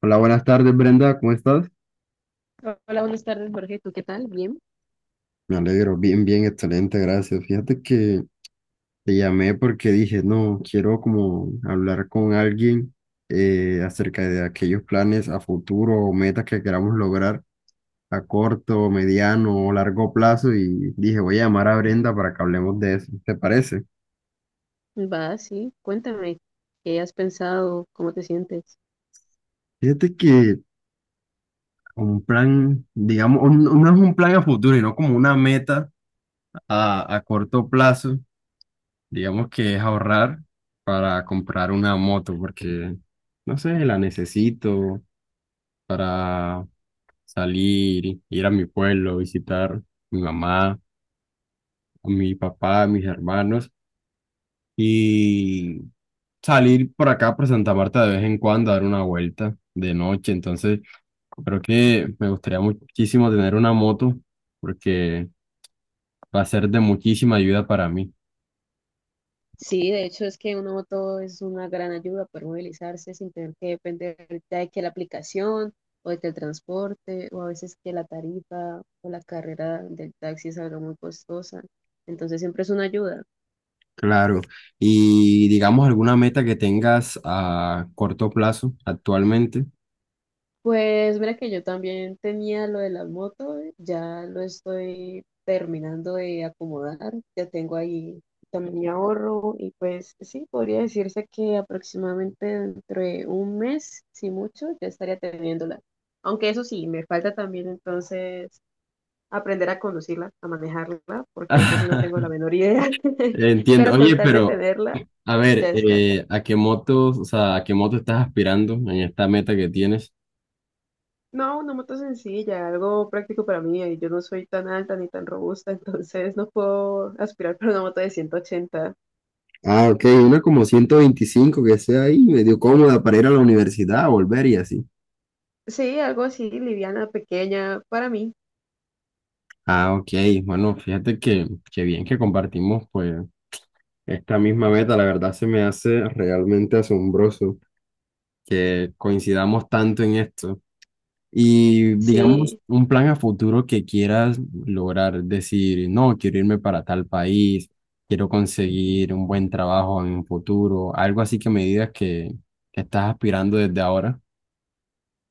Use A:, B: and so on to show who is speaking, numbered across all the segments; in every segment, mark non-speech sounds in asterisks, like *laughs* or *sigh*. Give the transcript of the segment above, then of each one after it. A: Hola, buenas tardes, Brenda, ¿cómo estás?
B: Hola, buenas tardes, Jorge. ¿Tú qué tal? Bien.
A: Me alegro, bien, bien, excelente, gracias. Fíjate que te llamé porque dije, no, quiero como hablar con alguien acerca de aquellos planes a futuro o metas que queramos lograr a corto, mediano o largo plazo y dije, voy a llamar a Brenda para que hablemos de eso, ¿te parece?
B: Va, sí. Cuéntame, ¿qué has pensado? ¿Cómo te sientes?
A: Fíjate que un plan, digamos, no es un plan a futuro, sino como una meta a corto plazo. Digamos que es ahorrar para comprar una moto, porque, no sé, la necesito para salir, ir a mi pueblo, visitar a mi mamá, a mi papá, a mis hermanos y salir por acá, por Santa Marta de vez en cuando, a dar una vuelta de noche. Entonces, creo que me gustaría muchísimo tener una moto porque va a ser de muchísima ayuda para mí.
B: Sí, de hecho es que una moto es una gran ayuda para movilizarse sin tener que depender ya de que la aplicación o de que el transporte o a veces que la tarifa o la carrera del taxi salga muy costosa. Entonces siempre es una ayuda.
A: Claro. Y digamos alguna meta que tengas a corto plazo actualmente.
B: Pues mira que yo también tenía lo de las motos, ya lo estoy terminando de acomodar, ya tengo ahí también mi ahorro y pues sí, podría decirse que aproximadamente dentro de un mes, si mucho, ya estaría teniéndola. Aunque eso sí, me falta también entonces aprender a conducirla, a manejarla, porque eso
A: *laughs*
B: sí no tengo la menor idea, *laughs*
A: Entiendo.
B: pero con
A: Oye,
B: tal de
A: pero
B: tenerla,
A: a ver,
B: ya está.
A: ¿a qué motos, o sea, a qué moto estás aspirando en esta meta que tienes?
B: No, una moto sencilla, algo práctico para mí. Yo no soy tan alta ni tan robusta, *laughs* entonces no puedo aspirar para una moto de 180.
A: Ah, ok, una como 125 que sea ahí, medio cómoda para ir a la universidad, volver y así.
B: Sí, algo así, liviana, pequeña, para mí.
A: Ah, ok. Bueno, fíjate que bien que compartimos pues esta misma meta. La verdad se me hace realmente asombroso que coincidamos tanto en esto. Y digamos,
B: Sí,
A: un plan a futuro que quieras lograr, decir, no, quiero irme para tal país, quiero conseguir un buen trabajo en un futuro, algo así que me digas que estás aspirando desde ahora.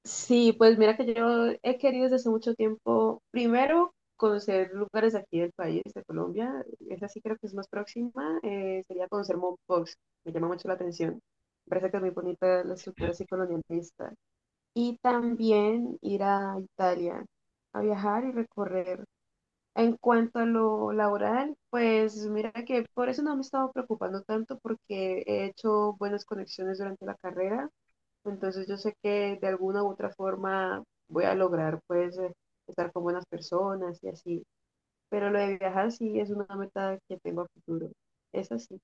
B: sí, pues mira que yo he querido desde hace mucho tiempo, primero, conocer lugares de aquí del país, de Colombia. Esa sí creo que es más próxima. Sería conocer Mompox, me llama mucho la atención. Me parece que es muy bonita la estructura así colonialista. Y también ir a Italia a viajar y recorrer. En cuanto a lo laboral, pues mira que por eso no me he estado preocupando tanto porque he hecho buenas conexiones durante la carrera, entonces yo sé que de alguna u otra forma voy a lograr pues estar con buenas personas y así, pero lo de viajar sí es una meta que tengo a futuro, es así.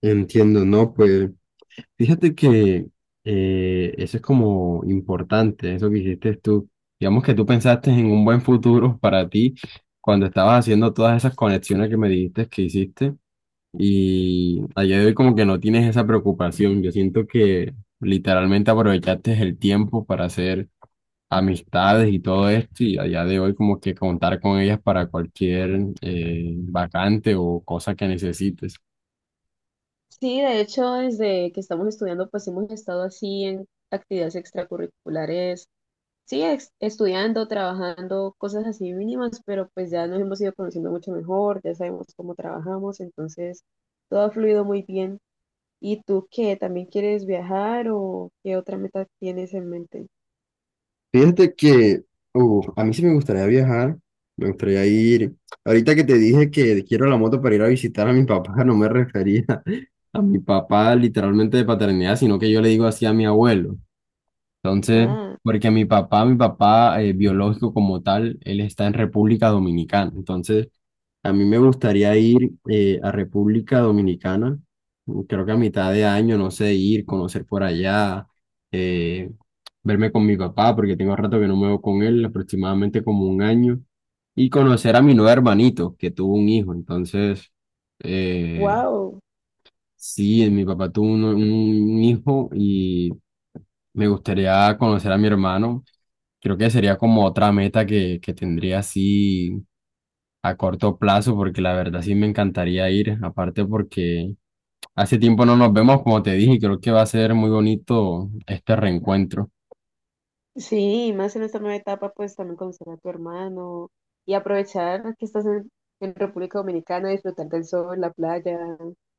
A: Entiendo, ¿no? Pues fíjate que eso es como importante, eso que hiciste tú. Digamos que tú pensaste en un buen futuro para ti cuando estabas haciendo todas esas conexiones que me dijiste que hiciste. Y a día de hoy como que no tienes esa preocupación. Yo siento que literalmente aprovechaste el tiempo para hacer amistades y todo esto y a día de hoy como que contar con ellas para cualquier vacante o cosa que necesites.
B: Sí, de hecho, desde que estamos estudiando, pues hemos estado así en actividades extracurriculares sí, estudiando, trabajando, cosas así mínimas, pero pues ya nos hemos ido conociendo mucho mejor, ya sabemos cómo trabajamos, entonces todo ha fluido muy bien. ¿Y tú qué? ¿También quieres viajar o qué otra meta tienes en mente?
A: Fíjate que a mí sí me gustaría viajar, me gustaría ir. Ahorita que te dije que quiero la moto para ir a visitar a mi papá, no me refería *laughs* a mi papá literalmente de paternidad, sino que yo le digo así a mi abuelo. Entonces,
B: Ah,
A: porque mi papá biológico como tal, él está en República Dominicana. Entonces, a mí me gustaría ir a República Dominicana, creo que a mitad de año, no sé, ir, conocer por allá, eh, verme con mi papá, porque tengo rato que no me veo con él, aproximadamente como un año, y conocer a mi nuevo hermanito, que tuvo un hijo. Entonces, eh,
B: wow.
A: sí, mi papá tuvo un hijo y me gustaría conocer a mi hermano. Creo que sería como otra meta que tendría así a corto plazo, porque la verdad sí me encantaría ir, aparte porque hace tiempo no nos vemos, como te dije, y creo que va a ser muy bonito este reencuentro.
B: Sí, más en esta nueva etapa, pues también conocer a tu hermano y aprovechar que estás en República Dominicana, disfrutar del sol, la playa,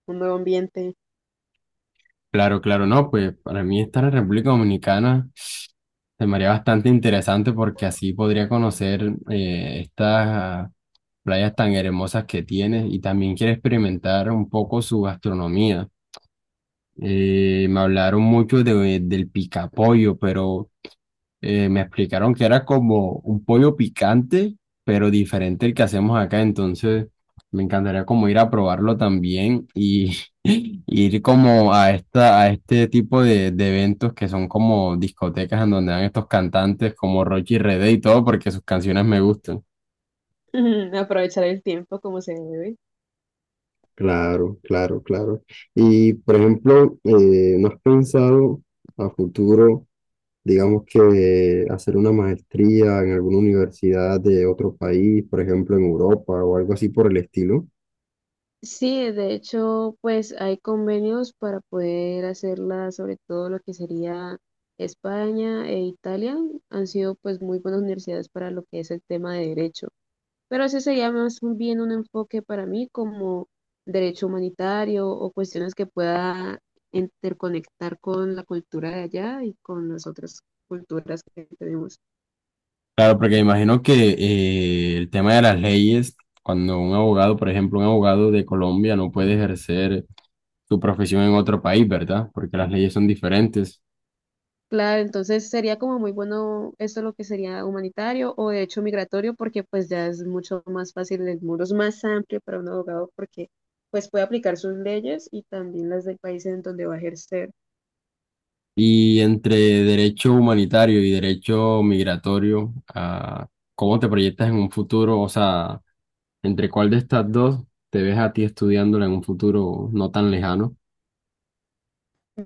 B: un nuevo ambiente,
A: Claro, claro, no, pues para mí estar en República Dominicana se me haría bastante interesante porque así podría conocer estas playas tan hermosas que tiene y también quiero experimentar un poco su gastronomía. Me hablaron mucho del picapollo, pero me explicaron que era como un pollo picante, pero diferente al que hacemos acá, entonces me encantaría como ir a probarlo también y *laughs* y ir como a a este tipo de eventos que son como discotecas en donde dan estos cantantes como Rocky y Rede y todo, porque sus canciones me gustan.
B: *laughs* aprovechar el tiempo como se debe.
A: Claro, claro, claro. Y por ejemplo, ¿no has pensado a futuro, digamos que hacer una maestría en alguna universidad de otro país, por ejemplo en Europa o algo así por el estilo?
B: Sí, de hecho, pues hay convenios para poder hacerla, sobre todo lo que sería España e Italia, han sido pues muy buenas universidades para lo que es el tema de derecho. Pero ese sería más bien un enfoque para mí como derecho humanitario o cuestiones que pueda interconectar con la cultura de allá y con las otras culturas que tenemos.
A: Claro, porque imagino que el tema de las leyes, cuando un abogado, por ejemplo, un abogado de Colombia no puede ejercer su profesión en otro país, ¿verdad? Porque las leyes son diferentes.
B: Claro, entonces sería como muy bueno esto lo que sería humanitario o de hecho migratorio, porque pues ya es mucho más fácil, el muro es más amplio para un abogado porque pues puede aplicar sus leyes y también las del país en donde va a ejercer.
A: Y entre derecho humanitario y derecho migratorio, ¿cómo te proyectas en un futuro? O sea, ¿entre cuál de estas dos te ves a ti estudiándola en un futuro no tan lejano?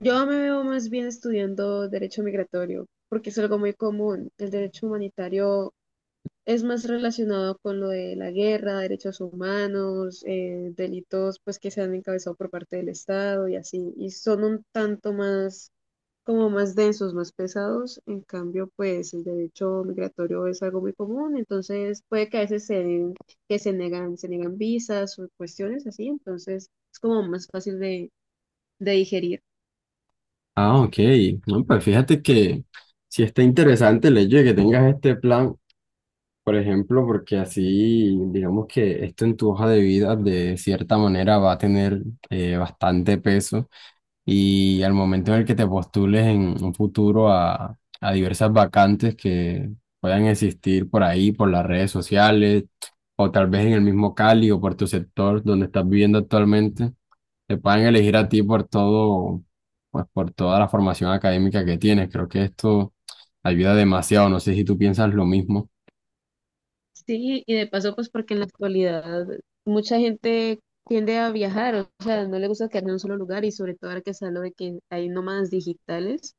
B: Yo me veo más bien estudiando derecho migratorio, porque es algo muy común. El derecho humanitario es más relacionado con lo de la guerra, derechos humanos, delitos pues que se han encabezado por parte del Estado y así, y son un tanto más como más densos, más pesados. En cambio, pues el derecho migratorio es algo muy común, entonces puede que a veces que se negan, se niegan visas o cuestiones así, entonces es como más fácil de digerir.
A: Ah, ok. No, pues fíjate que sí está interesante el hecho de que tengas este plan, por ejemplo, porque así, digamos que esto en tu hoja de vida de cierta manera va a tener bastante peso y al momento en el que te postules en un futuro a diversas vacantes que puedan existir por ahí, por las redes sociales, o tal vez en el mismo Cali o por tu sector donde estás viviendo actualmente, te puedan elegir a ti por todo, pues por toda la formación académica que tienes. Creo que esto ayuda demasiado. No sé si tú piensas lo mismo.
B: Sí, y de paso, pues porque en la actualidad mucha gente tiende a viajar, o sea, no le gusta quedarse en un solo lugar y sobre todo ahora que se habla de que hay nómadas digitales,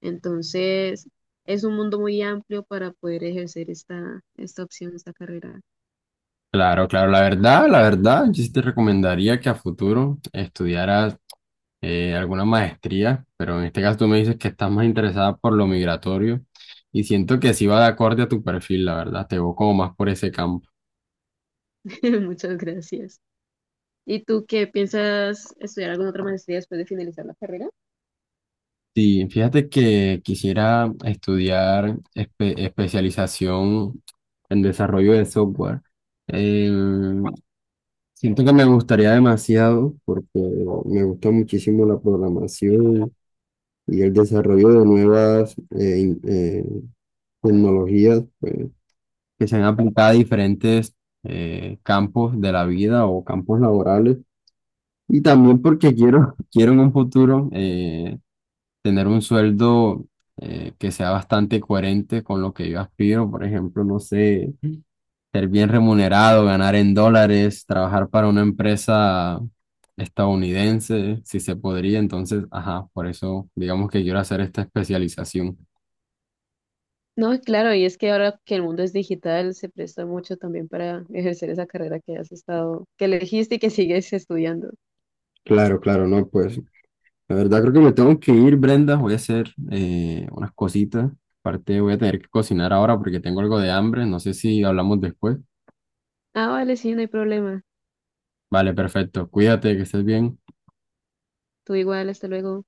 B: entonces es un mundo muy amplio para poder ejercer esta, esta opción, esta carrera.
A: Claro, claro, la verdad, yo sí te recomendaría que a futuro estudiaras alguna maestría, pero en este caso tú me dices que estás más interesada por lo migratorio y siento que sí va de acorde a tu perfil, la verdad, te veo como más por ese campo.
B: *laughs* Muchas gracias. ¿Y tú qué piensas estudiar alguna otra maestría después de finalizar la carrera?
A: Sí, fíjate que quisiera estudiar especialización en desarrollo de software. Eh, siento que me gustaría demasiado porque me gusta muchísimo la programación y el desarrollo de nuevas tecnologías, pues, que se han aplicado a diferentes campos de la vida o campos laborales. Y también porque quiero, *laughs* quiero en un futuro tener un sueldo que sea bastante coherente con lo que yo aspiro. Por ejemplo, no sé, ser bien remunerado, ganar en dólares, trabajar para una empresa estadounidense, si se podría. Entonces, ajá, por eso digamos que quiero hacer esta especialización.
B: No, claro, y es que ahora que el mundo es digital, se presta mucho también para ejercer esa carrera que has estado, que elegiste y que *laughs* sigues estudiando.
A: Claro, claro, no, pues la verdad creo que me tengo que ir, Brenda. Voy a hacer unas cositas. Aparte voy a tener que cocinar ahora porque tengo algo de hambre. No sé si hablamos después.
B: Ah, vale, sí, no hay problema.
A: Vale, perfecto. Cuídate, que estés bien.
B: Tú igual, hasta luego.